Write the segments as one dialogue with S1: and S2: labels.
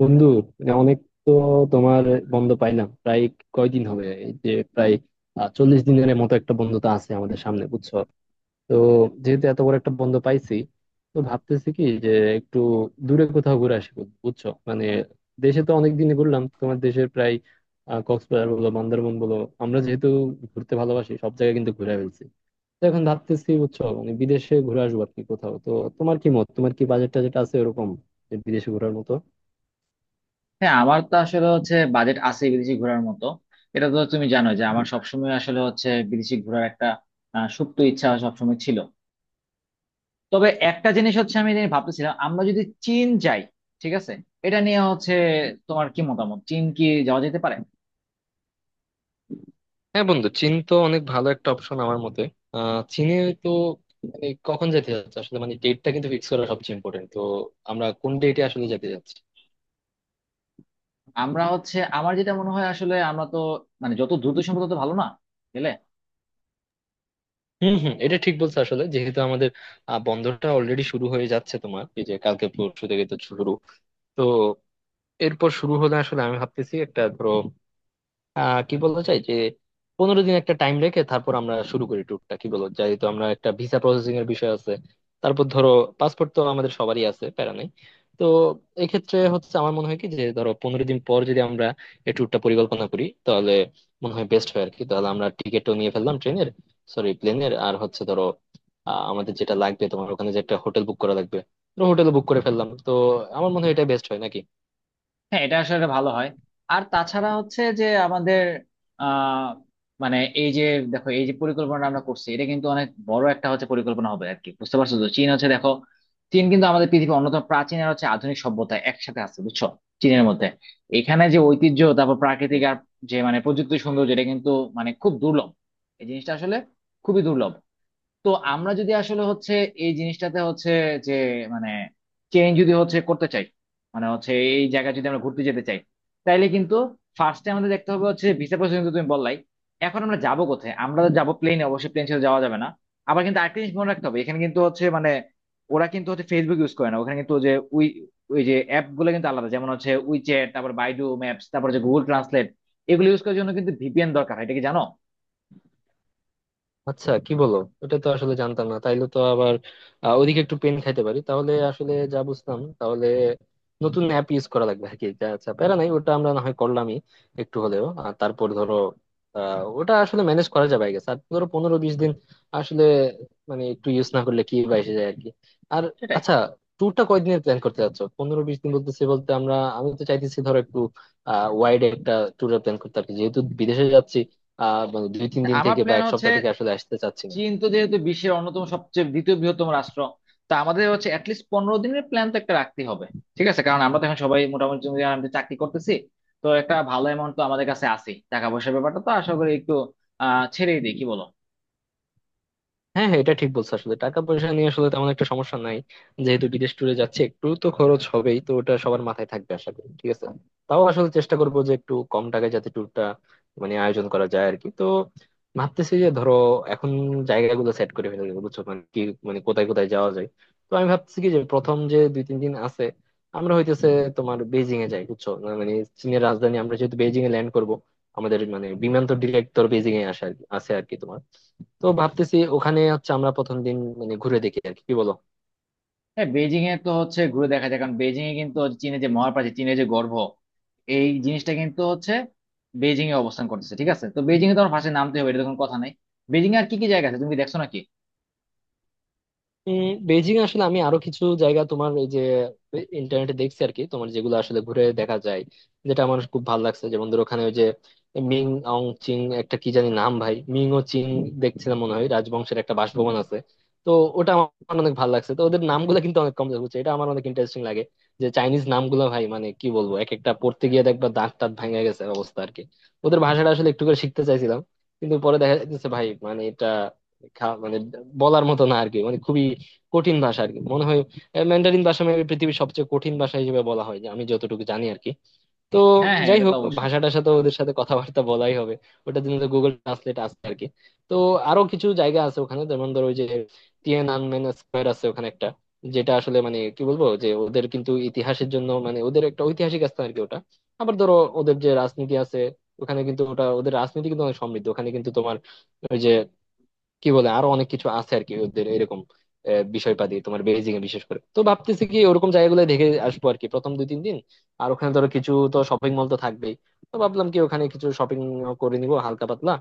S1: বন্ধু মানে অনেক। তো তোমার বন্ধ পাইলাম প্রায়, কয়দিন হবে এই যে প্রায় চল্লিশ দিনের মতো একটা বন্ধ তো আছে আমাদের সামনে, বুঝছো? তো যেহেতু এত বড় একটা বন্ধ পাইছি, তো ভাবতেছি কি যে একটু দূরে কোথাও ঘুরে আসি বন্ধু, বুঝছো মানে। দেশে তো অনেক দিনই ঘুরলাম তোমার, দেশের প্রায় কক্সবাজার বলো, বান্দরবন বলো, আমরা যেহেতু ঘুরতে ভালোবাসি, সব জায়গায় কিন্তু ঘুরে ফেলছি। তো এখন ভাবতেছি, বুঝছো মানে, বিদেশে ঘুরে আসবো আর কি কোথাও। তো তোমার কি মত? তোমার কি বাজেট টাজেট আছে এরকম যে বিদেশে ঘোরার মতো?
S2: হ্যাঁ, আমার তো আসলে হচ্ছে বাজেট আছে বিদেশি ঘোরার মতো। এটা তো তুমি জানো যে আমার সবসময় আসলে হচ্ছে বিদেশি ঘোরার একটা সুপ্ত ইচ্ছা সবসময় ছিল। তবে একটা জিনিস হচ্ছে, আমি যেটা ভাবতেছিলাম, আমরা যদি চীন যাই, ঠিক আছে? এটা নিয়ে হচ্ছে তোমার কি মতামত, চীন কি যাওয়া যেতে পারে?
S1: হ্যাঁ বন্ধু, চীন তো অনেক ভালো একটা অপশন আমার মতে। চীনে তো মানে কখন যেতে যাচ্ছে আসলে, মানে ডেটটা কিন্তু ফিক্স করা সবচেয়ে ইম্পর্টেন্ট। তো আমরা কোন ডেটে আসলে যেতে যাচ্ছি?
S2: আমরা হচ্ছে, আমার যেটা মনে হয় আসলে, আমরা তো মানে যত দ্রুত সম্ভব তত ভালো না গেলে?
S1: হম হম এটা ঠিক বলছো। আসলে যেহেতু আমাদের বন্ধটা অলরেডি শুরু হয়ে যাচ্ছে তোমার, এই যে কালকে পরশু থেকে তো শুরু। তো এরপর শুরু হলে আসলে আমি ভাবতেছি একটা, ধরো কি বলতে চাই যে পনেরো দিন একটা টাইম রেখে তারপর আমরা শুরু করি ট্যুরটা, কি বলো? যেহেতু আমরা একটা ভিসা প্রসেসিং এর বিষয় আছে, তারপর ধরো পাসপোর্ট তো আমাদের সবারই আছে, প্যারা নাই। তো এক্ষেত্রে হচ্ছে আমার মনে হয় কি যে ধরো 15 দিন পর যদি আমরা এই ট্যুরটা পরিকল্পনা করি তাহলে মনে হয় বেস্ট হয় আর কি। তাহলে আমরা টিকিটও নিয়ে ফেললাম ট্রেনের, সরি প্লেনের, আর হচ্ছে ধরো আমাদের যেটা লাগবে তোমার ওখানে যে একটা হোটেল বুক করা লাগবে, হোটেল বুক করে ফেললাম। তো আমার মনে হয় এটা বেস্ট হয় নাকি।
S2: হ্যাঁ, এটা আসলে ভালো হয়। আর তাছাড়া হচ্ছে যে আমাদের আহ মানে এই যে, দেখো, এই যে পরিকল্পনা আমরা করছি, এটা কিন্তু অনেক বড় একটা হচ্ছে পরিকল্পনা হবে আর কি, বুঝতে পারছো? তো চীন হচ্ছে, দেখো, চীন কিন্তু আমাদের পৃথিবীর অন্যতম প্রাচীন আর হচ্ছে আধুনিক সভ্যতা একসাথে আছে, বুঝছো, চীনের মধ্যে। এখানে যে ঐতিহ্য, তারপর প্রাকৃতিক আর যে মানে প্রযুক্তি সৌন্দর্য, এটা কিন্তু মানে খুব দুর্লভ। এই জিনিসটা আসলে খুবই দুর্লভ। তো আমরা যদি আসলে হচ্ছে এই জিনিসটাতে হচ্ছে, যে মানে চেঞ্জ যদি হচ্ছে করতে চাই, মানে হচ্ছে এই জায়গায় যদি আমরা ঘুরতে যেতে চাই, তাইলে কিন্তু ফার্স্টে আমাদের দেখতে হবে হচ্ছে ভিসা প্রসেস, কিন্তু তুমি বললাই। এখন আমরা যাবো কোথায়? আমরা তো যাবো প্লেনে, অবশ্যই প্লেন ছেড়ে যাওয়া যাবে না। আবার কিন্তু আরেকটা জিনিস মনে রাখতে হবে, এখানে কিন্তু হচ্ছে মানে ওরা কিন্তু হচ্ছে ফেসবুক ইউজ করে না, ওখানে কিন্তু যে উই, ওই যে অ্যাপ গুলো কিন্তু আলাদা, যেমন হচ্ছে উইচ্যাট, তারপর বাইডু ম্যাপস, তারপর যে গুগল ট্রান্সলেট, এগুলো ইউজ করার জন্য কিন্তু ভিপিএন দরকার হয়, এটা কি জানো?
S1: আচ্ছা কি বলো, এটা তো আসলে জানতাম না। তাইলে তো আবার ওদিকে একটু পেন খাইতে পারি। তাহলে আসলে যা বুঝলাম, তাহলে নতুন অ্যাপ ইউজ করা লাগবে আর কি। যা, আচ্ছা প্যারা নাই, ওটা আমরা না হয় করলামই একটু হলেও। আর তারপর ধরো ওটা আসলে ম্যানেজ করা যাবে আই গেস। আর ধরো 15-20 দিন আসলে মানে একটু ইউজ না করলে কি বা এসে যায় আর কি। আর
S2: সেটাই।
S1: আচ্ছা, ট্যুরটা কয়দিনের প্ল্যান করতে চাচ্ছ? 15-20 দিন বলতেছি, বলতে আমরা, আমি তো চাইতেছি ধরো একটু ওয়াইড একটা ট্যুরের প্ল্যান করতে আর কি, যেহেতু বিদেশে যাচ্ছি। মানে 2-3 দিন
S2: আমার
S1: থেকে বা
S2: প্ল্যান
S1: এক
S2: হচ্ছে,
S1: সপ্তাহ থেকে আসলে আসতে চাচ্ছি না।
S2: চীন তো যেহেতু বিশ্বের অন্যতম সবচেয়ে দ্বিতীয় বৃহত্তম রাষ্ট্র, তা আমাদের হচ্ছে অ্যাটলিস্ট 15 দিনের প্ল্যান তো একটা রাখতে হবে, ঠিক আছে? কারণ আমরা তো এখন সবাই মোটামুটি, তুমি জানো, আমরা চাকরি করতেছি। তো একটা ভালো অ্যামাউন্ট তো আমাদের কাছে আছে, টাকা পয়সার ব্যাপারটা তো আশা করি একটু ছেড়েই দিই, কি বলো?
S1: হ্যাঁ হ্যাঁ, এটা ঠিক বলছো। আসলে টাকা পয়সা নিয়ে আসলে তেমন একটা সমস্যা নাই, যেহেতু বিদেশ ট্যুরে যাচ্ছে একটু তো খরচ হবেই, তো ওটা সবার মাথায় থাকবে আশা করি, ঠিক আছে। তাও আসলে চেষ্টা করবো যে একটু কম টাকায় যাতে ট্যুরটা মানে আয়োজন করা যায় আর কি। তো ভাবতেছি যে ধরো এখন জায়গাগুলো সেট করে ফেলে দেবো, বুঝছো মানে কি মানে কোথায় কোথায় যাওয়া যায়। তো আমি ভাবছি কি যে প্রথম যে 2-3 দিন আছে, আমরা হইতেছে তোমার বেজিং এ যাই, বুঝছো? মানে চীনের রাজধানী। আমরা যেহেতু বেজিং এ ল্যান্ড করবো, আমাদের মানে বিমান তো ডিরেক্ট তোর বেজিং এ আসে আর কি, আছে আর কি তোমার। তো ভাবতেছি ওখানে হচ্ছে আমরা প্রথম দিন মানে ঘুরে দেখি আর কি, কি বলো?
S2: হ্যাঁ, বেজিং এ তো হচ্ছে ঘুরে দেখা যায়, কারণ বেজিং এ কিন্তু হচ্ছে চীনের যে মহাপ্রাচীর, চীনের যে গর্ভ, এই জিনিসটা কিন্তু হচ্ছে বেজিং এ অবস্থান করতেছে, ঠিক আছে? তো বেজিং এ তো আমার ফার্স্টে নামতে হবে, এটা তো কোনো কথা নাই। বেজিং এ আর কি কি জায়গা আছে, তুমি কি দেখছো নাকি?
S1: উম বেজিং আসলে আমি আরো কিছু জায়গা তোমার এই যে ইন্টারনেটে দেখছি আর কি তোমার, যেগুলো আসলে ঘুরে দেখা যায়, যেটা আমার খুব ভালো লাগছে, যেমন ধর ওখানে ওই যে মিং অং চিং, একটা কি জানি নাম ভাই, মিং ও চিং দেখছিলাম মনে হয় রাজবংশের একটা বাসভবন আছে। তো ওটা আমার অনেক ভালো লাগছে। তো ওদের নামগুলো কিন্তু অনেক কম বুঝছে, এটা আমার অনেক ইন্টারেস্টিং লাগে যে চাইনিজ নামগুলো ভাই, মানে কি বলবো, এক একটা পড়তে গিয়ে দেখবা দাঁত টাত ভাঙে গেছে অবস্থা আর কি। ওদের ভাষাটা আসলে একটু করে শিখতে চাইছিলাম, কিন্তু পরে দেখা যাচ্ছে ভাই মানে এটা মানে বলার মতো না আর কি, মানে খুবই কঠিন ভাষা আর কি মনে হয়। ম্যান্ডারিন ভাষা মেবি পৃথিবীর সবচেয়ে কঠিন ভাষা হিসেবে বলা হয় যে, আমি যতটুকু জানি আর কি। তো
S2: হ্যাঁ হ্যাঁ,
S1: যাই
S2: এটা তো
S1: হোক,
S2: অবশ্যই।
S1: ভাষাটার সাথে ওদের সাথে কথাবার্তা বলাই হবে, ওটার জন্য তো গুগল ট্রান্সলেট আছে আর কি। তো আরো কিছু জায়গা আছে ওখানে, যেমন ধরো ওই যে টিএন আনমেন স্কয়ার আছে ওখানে একটা, যেটা আসলে মানে কি বলবো যে ওদের কিন্তু ইতিহাসের জন্য, মানে ওদের একটা ঐতিহাসিক স্থান আর কি ওটা। আবার ধরো ওদের যে রাজনীতি আছে ওখানে, কিন্তু ওটা ওদের রাজনীতি কিন্তু অনেক সমৃদ্ধ ওখানে, কিন্তু তোমার ওই যে কি বলে, আরো অনেক কিছু আছে আর কি ওদের এরকম বিষয়পাতি তোমার বেজিং এ বিশেষ করে। তো ভাবতেছি কি ওরকম জায়গাগুলো দেখে আসবো আর কি প্রথম 2-3 দিন। আর ওখানে ধরো কিছু তো শপিং মল তো থাকবেই, তো ভাবলাম কি ওখানে কিছু শপিং করে নিবো হালকা পাতলা।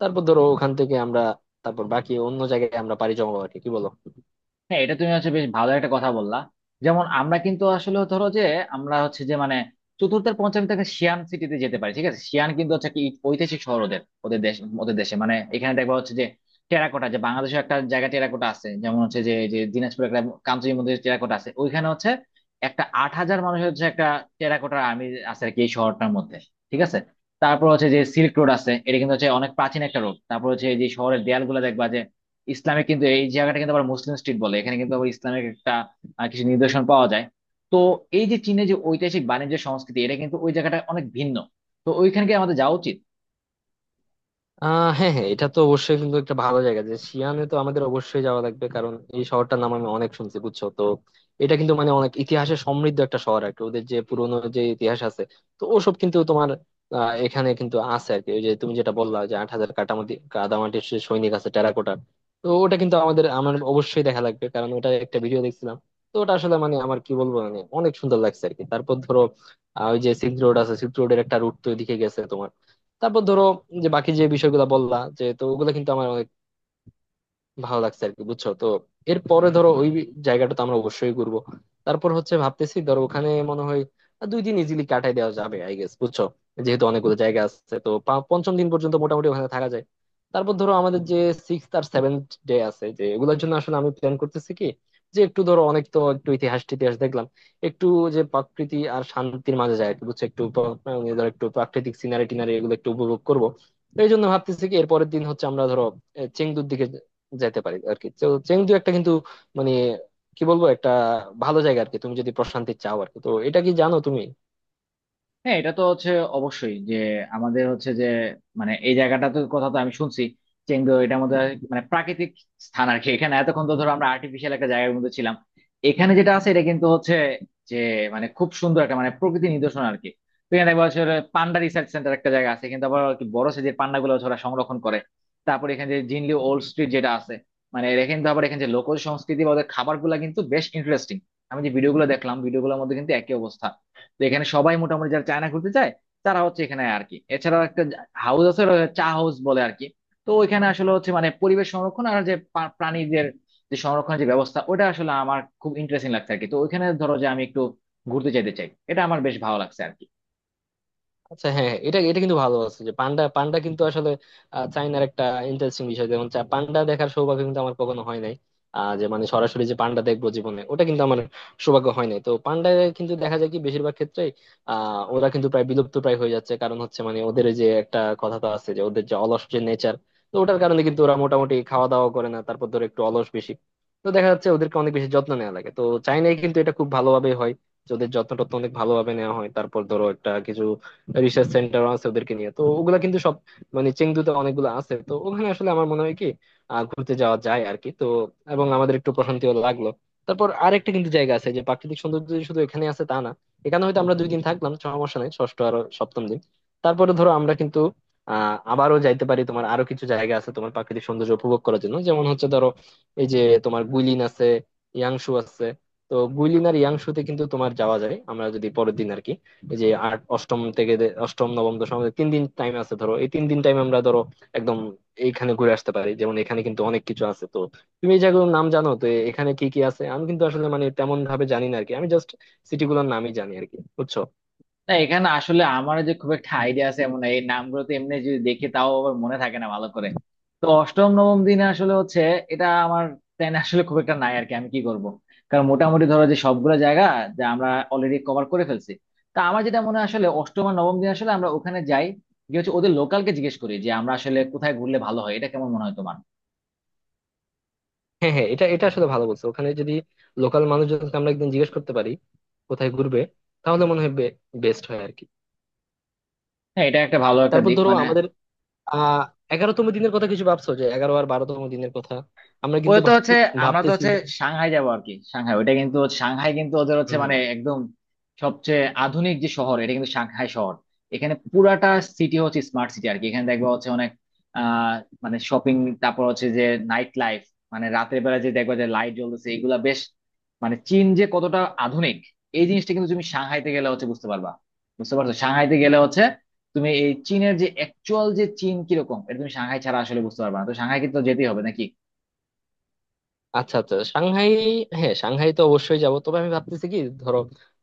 S1: তারপর ধরো ওখান থেকে আমরা তারপর বাকি অন্য জায়গায় আমরা পাড়ি জমাবো আর কি, কি বলো?
S2: হ্যাঁ, এটা তুমি হচ্ছে বেশ ভালো একটা কথা বললা। যেমন আমরা কিন্তু আসলে ধরো যে, আমরা হচ্ছে যে মানে চতুর্থের পঞ্চম থেকে সিয়ান সিটিতে যেতে পারি, ঠিক আছে? সিয়ান কিন্তু হচ্ছে কি ঐতিহাসিক শহর ওদের ওদের দেশ, ওদের দেশে মানে এখানে দেখবা হচ্ছে যে টেরাকোটা, যে বাংলাদেশে একটা জায়গা টেরাকোটা আছে, যেমন হচ্ছে যে যে দিনাজপুরে একটা কামচুর মধ্যে টেরাকোটা আছে, ওইখানে হচ্ছে একটা 8,000 মানুষের হচ্ছে একটা টেরাকোটার আর্মি আছে আর কি, এই শহরটার মধ্যে, ঠিক আছে? তারপর হচ্ছে যে সিল্ক রোড আছে, এটা কিন্তু হচ্ছে অনেক প্রাচীন একটা রোড। তারপর হচ্ছে এই যে শহরের দেয়ালগুলো দেখবা, ইসলামে কিন্তু এই জায়গাটা কিন্তু আবার মুসলিম স্ট্রিট বলে, এখানে কিন্তু আবার ইসলামের একটা কিছু নিদর্শন পাওয়া যায়। তো এই যে চীনে যে ঐতিহাসিক বাণিজ্য সংস্কৃতি, এটা কিন্তু ওই জায়গাটা অনেক ভিন্ন। তো ওইখানে কি আমাদের যাওয়া উচিত?
S1: হ্যাঁ হ্যাঁ, এটা তো অবশ্যই কিন্তু একটা ভালো জায়গা যে শিয়ানে তো আমাদের অবশ্যই যাওয়া লাগবে, কারণ এই শহরটার নাম আমি অনেক শুনছি, বুঝছো? তো এটা কিন্তু মানে অনেক ইতিহাসে সমৃদ্ধ একটা শহর আর কি, ওদের যে পুরোনো যে ইতিহাস আছে, তো ওসব কিন্তু তোমার এখানে কিন্তু আছে আর কি। ওই যে তুমি যেটা বললা যে 8,000 কাটামাটি কাদামাটির সে সৈনিক আছে, টেরাকোটা। তো ওটা কিন্তু আমাদের, আমার অবশ্যই দেখা লাগবে, কারণ ওটা একটা ভিডিও দেখছিলাম। তো ওটা আসলে মানে আমার কি বলবো, মানে অনেক সুন্দর লাগছে আর কি। তারপর ধরো ওই যে সিল্ক রোড আছে, সিল্ক রোডের একটা রুট তো ওইদিকে গেছে। তারপর ধরো যে বাকি যে বিষয়গুলো বললা, যে তো ওগুলো কিন্তু আমার অনেক ভালো লাগছে আর কি, বুঝছো তো। এরপরে ধরো ওই জায়গাটা তো আমরা অবশ্যই ঘুরবো। তারপর হচ্ছে ভাবতেছি ধরো ওখানে মনে হয় 2 দিন ইজিলি কাটাই দেওয়া যাবে আই গেস, বুঝছো? যেহেতু অনেকগুলো জায়গা আছে, তো পঞ্চম দিন পর্যন্ত মোটামুটি ওখানে থাকা যায়। তারপর ধরো আমাদের যে সিক্স আর সেভেন্থ ডে আছে, যে এগুলোর জন্য আসলে আমি প্ল্যান করতেছি কি, যে একটু ধরো অনেক তো একটু ইতিহাস টিতিহাস দেখলাম, একটু যে প্রকৃতি আর শান্তির মাঝে যায় আর কি, বুঝছো, একটু মানে ধরো একটু প্রাকৃতিক সিনারি টিনারি এগুলো একটু উপভোগ করবো। তো এই জন্য ভাবতেছি কি এরপরের দিন হচ্ছে আমরা ধরো এ, চেংদুর দিকে যাইতে পারি আর কি। তো চেংদু একটা কিন্তু মানে কি বলবো, একটা ভালো জায়গা আর কি তুমি যদি প্রশান্তি চাও আর কি। তো এটা কি জানো তুমি?
S2: হ্যাঁ, এটা তো হচ্ছে অবশ্যই যে আমাদের হচ্ছে যে মানে এই জায়গাটা তো কথা তো আমি শুনছি, চেংদু, এটা আমাদের মানে প্রাকৃতিক স্থান আর কি। এখানে এতক্ষণ তো ধরো আমরা আর্টিফিশিয়াল একটা জায়গার মধ্যে ছিলাম, এখানে যেটা আছে এটা কিন্তু হচ্ছে যে মানে খুব সুন্দর একটা মানে প্রকৃতি নিদর্শন আর কি। তো এখানে দেখবো হচ্ছে পান্ডা রিসার্চ সেন্টার একটা জায়গা আছে কিন্তু আবার আর কি, বড় সাইজের পান্ডা গুলো হচ্ছে ওরা সংরক্ষণ করে। তারপর এখানে যে জিনলি ওল্ড স্ট্রিট যেটা আছে, মানে এরা কিন্তু আবার এখানে যে লোকজ সংস্কৃতি বা ওদের খাবার গুলা কিন্তু বেশ ইন্টারেস্টিং। আমি যে ভিডিও গুলো দেখলাম, ভিডিও গুলোর মধ্যে কিন্তু একই অবস্থা। তো এখানে সবাই মোটামুটি যারা চায়না ঘুরতে চায় তারা হচ্ছে এখানে আর কি। এছাড়া একটা হাউস আছে, ওটা চা হাউস বলে আর কি। তো ওইখানে আসলে হচ্ছে মানে পরিবেশ সংরক্ষণ আর যে প্রাণীদের যে সংরক্ষণের যে ব্যবস্থা, ওটা আসলে আমার খুব ইন্টারেস্টিং লাগছে আর কি। তো ওইখানে ধরো যে আমি একটু ঘুরতে যেতে চাই, এটা আমার বেশ ভালো লাগছে আর কি।
S1: আচ্ছা হ্যাঁ হ্যাঁ, এটা এটা কিন্তু ভালো আছে যে পান্ডা। পান্ডা কিন্তু আসলে চায়নার একটা ইন্টারেস্টিং বিষয়, যেমন পান্ডা দেখার সৌভাগ্য কিন্তু আমার কখনো হয় নাই। যে মানে সরাসরি যে পান্ডা দেখবো জীবনে, ওটা কিন্তু আমার সৌভাগ্য হয় নাই। তো পান্ডা কিন্তু দেখা যায় কি বেশিরভাগ ক্ষেত্রে, ওরা কিন্তু প্রায় বিলুপ্ত প্রায় হয়ে যাচ্ছে। কারণ হচ্ছে মানে ওদের ওই যে একটা কথা তো আছে যে ওদের যে অলস যে নেচার, তো ওটার কারণে কিন্তু ওরা মোটামুটি খাওয়া দাওয়া করে না, তারপর ধরো একটু অলস বেশি। তো দেখা যাচ্ছে ওদেরকে অনেক বেশি যত্ন নেওয়া লাগে। তো চাইনায় কিন্তু এটা খুব ভালোভাবে হয়, যে ওদের যত্ন টত্ন অনেক ভালোভাবে নেওয়া হয়। তারপর ধরো একটা কিছু রিসার্চ সেন্টার আছে ওদেরকে নিয়ে, তো ওগুলা কিন্তু সব মানে চেংদুতে অনেকগুলো আছে। তো ওখানে আসলে আমার মনে হয় কি ঘুরতে যাওয়া যায় আর কি, তো এবং আমাদের একটু প্রশান্তিও লাগলো। তারপর আরেকটা কিন্তু জায়গা আছে যে প্রাকৃতিক সৌন্দর্য যে শুধু এখানে আছে তা না। এখানে হয়তো আমরা 2 দিন থাকলাম সমস্যা নেই, ষষ্ঠ আর সপ্তম দিন। তারপরে ধরো আমরা কিন্তু আবারও যাইতে পারি তোমার আরো কিছু জায়গা আছে তোমার প্রাকৃতিক সৌন্দর্য উপভোগ করার জন্য, যেমন হচ্ছে ধরো এই যে তোমার গুইলিন আছে, ইয়াংশু আছে। তো গুইলিন আর ইয়াংশুতে কিন্তু তোমার যাওয়া যায় আমরা যদি পরের দিন আর কি এই যে আট অষ্টম থেকে অষ্টম নবম দশম, আমাদের 3 দিন টাইম আছে। ধরো এই 3 দিন টাইম আমরা ধরো একদম এইখানে ঘুরে আসতে পারি, যেমন এখানে কিন্তু অনেক কিছু আছে। তো তুমি এই জায়গাগুলোর নাম জানো তো এখানে কি কি আছে? আমি কিন্তু আসলে মানে তেমন ভাবে জানি না আরকি, আমি জাস্ট সিটি গুলোর নামই জানি আরকি, বুঝছো?
S2: না, এখানে আসলে আমার যে খুব একটা আইডিয়া আছে এমন না। এই নামগুলো তো এমনি যদি দেখি তাও আবার মনে থাকে না ভালো করে। তো অষ্টম নবম দিনে আসলে হচ্ছে এটা আমার প্ল্যান আসলে খুব একটা নাই আর কি, আমি কি করব। কারণ মোটামুটি ধরো যে সবগুলো জায়গা যা আমরা অলরেডি কভার করে ফেলছি, তা আমার যেটা মনে হয় আসলে অষ্টম আর নবম দিন আসলে আমরা ওখানে যাই, গিয়ে হচ্ছে ওদের লোকালকে জিজ্ঞেস করি যে আমরা আসলে কোথায় ঘুরলে ভালো হয়, এটা কেমন মনে হয় তোমার?
S1: হ্যাঁ হ্যাঁ, এটা এটা আসলে ভালো বলছো, ওখানে যদি লোকাল মানুষজনকে আমরা একদিন জিজ্ঞেস করতে পারি কোথায় ঘুরবে, তাহলে মনে হয় বেস্ট হয় আরকি।
S2: হ্যাঁ, এটা একটা ভালো একটা
S1: তারপর
S2: দিক
S1: ধরো
S2: মানে।
S1: আমাদের আহ এগারোতম দিনের কথা কিছু ভাবছো? যে এগারো আর বারোতম দিনের কথা আমরা
S2: ওই
S1: কিন্তু
S2: তো হচ্ছে, আমরা তো
S1: ভাবতেছি।
S2: হচ্ছে সাংহাই যাবো আর কি। সাংহাই কিন্তু ওদের হচ্ছে মানে
S1: হম।
S2: একদম সবচেয়ে আধুনিক যে শহর, এটা কিন্তু সাংহাই শহর। এখানে পুরাটা সিটি হচ্ছে স্মার্ট সিটি আর কি। এখানে দেখবা হচ্ছে অনেক আহ মানে শপিং, তারপর হচ্ছে যে নাইট লাইফ, মানে রাতের বেলা যে দেখবা যে লাইট জ্বলতেছে, এগুলা বেশ মানে চীন যে কতটা আধুনিক, এই জিনিসটা কিন্তু তুমি সাংহাইতে গেলে হচ্ছে বুঝতে পারবা। বুঝতে পারছো, সাংহাইতে গেলে হচ্ছে তুমি এই চীনের যে অ্যাকচুয়াল যে চীন কিরকম, এটা তুমি সাংহাই ছাড়া আসলে বুঝতে পারবা না। তো সাংহাই কিন্তু যেতেই হবে নাকি।
S1: আচ্ছা আচ্ছা সাংহাই, হ্যাঁ সাংহাই তো অবশ্যই যাব। তবে আমি ভাবতেছি কি ধরো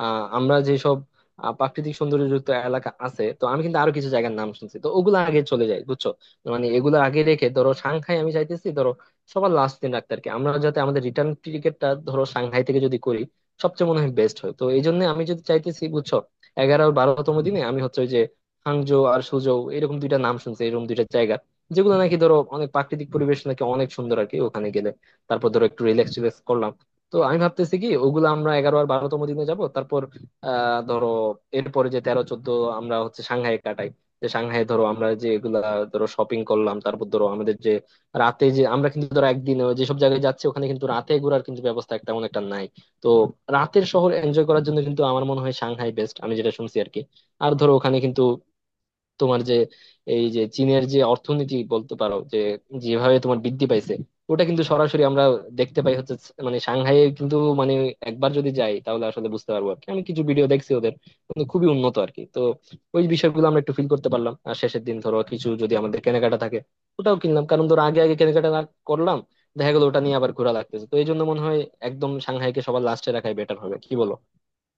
S1: আমরা যেসব প্রাকৃতিক সৌন্দর্যযুক্ত এলাকা আছে, তো আমি কিন্তু আরো কিছু জায়গার নাম শুনছি, তো ওগুলো আগে চলে যাই, বুঝছো? মানে এগুলো আগে রেখে ধরো সাংহাই আমি চাইতেছি ধরো সবার লাস্ট দিন রাখতে আর কি, আমরা যাতে আমাদের রিটার্ন টিকিটটা ধরো সাংহাই থেকে যদি করি সবচেয়ে মনে হয় বেস্ট হয়। তো এই জন্য আমি যদি চাইতেছি, বুঝছো, এগারো আর বারোতম দিনে আমি হচ্ছে ওই যে হাংজো আর সুজৌ এরকম দুইটা নাম শুনছি, এরকম দুইটা জায়গা, যেগুলো নাকি ধরো অনেক প্রাকৃতিক পরিবেশ নাকি অনেক সুন্দর আর কি ওখানে গেলে। তারপর ধরো একটু রিল্যাক্স রিল্যাক্স করলাম। তো আমি ভাবতেছি কি ওগুলো আমরা এগারো আর বারোতম দিনে যাব। তারপর ধরো এরপরে যে তেরো চোদ্দ আমরা হচ্ছে সাংহাইয়ে কাটাই, যে সাংহাইয়ে ধরো আমরা যে এগুলা ধরো শপিং করলাম। তারপর ধরো আমাদের যে রাতে, যে আমরা কিন্তু ধরো একদিন যেসব জায়গায় যাচ্ছি ওখানে কিন্তু রাতে ঘোরার কিন্তু ব্যবস্থা একটা তেমন একটা নাই। তো রাতের শহর এনজয় করার জন্য কিন্তু আমার মনে হয় সাংহাই বেস্ট, আমি যেটা শুনছি আর কি। আর ধরো ওখানে কিন্তু তোমার যে এই যে চীনের যে অর্থনীতি বলতে পারো যে যেভাবে তোমার বৃদ্ধি পাইছে, ওটা কিন্তু সরাসরি আমরা দেখতে পাই হচ্ছে মানে সাংহাইয়ে কিন্তু, মানে একবার যদি যাই তাহলে আসলে বুঝতে পারবো আর কি। আমি কিছু ভিডিও দেখছি ওদের, মানে খুবই উন্নত আর কি। তো ওই বিষয়গুলো আমরা একটু ফিল করতে পারলাম। আর শেষের দিন ধরো কিছু যদি আমাদের কেনাকাটা থাকে ওটাও কিনলাম, কারণ ধরো আগে আগে কেনাকাটা না করলাম দেখা গেলো ওটা নিয়ে আবার ঘোরা লাগতেছে। তো এই জন্য মনে হয় একদম সাংহাইকে সবার লাস্টে রাখাই বেটার হবে, কি বলো?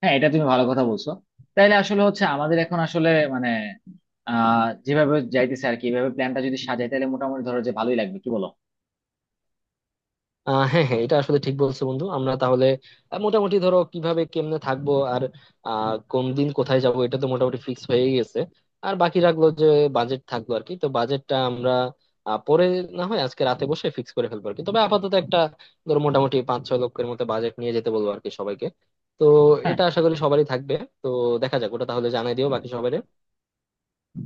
S2: হ্যাঁ, এটা তুমি ভালো কথা বলছো। তাইলে আসলে হচ্ছে আমাদের এখন আসলে মানে যেভাবে যাইতেছে আর কি, এভাবে প্ল্যানটা যদি সাজাই তাহলে মোটামুটি ধরো যে ভালোই লাগবে, কি বলো?
S1: হ্যাঁ হ্যাঁ, এটা আসলে ঠিক বলছো বন্ধু। আমরা তাহলে মোটামুটি ধরো কিভাবে কেমনে থাকবো আর কোন দিন কোথায় যাব এটা তো মোটামুটি ফিক্স হয়ে গেছে। আর বাকি রাখলো যে বাজেট থাকলো আর কি। তো বাজেটটা আমরা পরে না হয় আজকে রাতে বসে ফিক্স করে ফেলবো আর কি। তবে আপাতত একটা ধরো মোটামুটি 5-6 লক্ষের মতো বাজেট নিয়ে যেতে বলবো আর কি সবাইকে। তো
S2: হ্যাঁ।
S1: এটা আশা করি সবারই থাকবে। তো দেখা যাক, ওটা তাহলে জানাই দিও বাকি সবাই।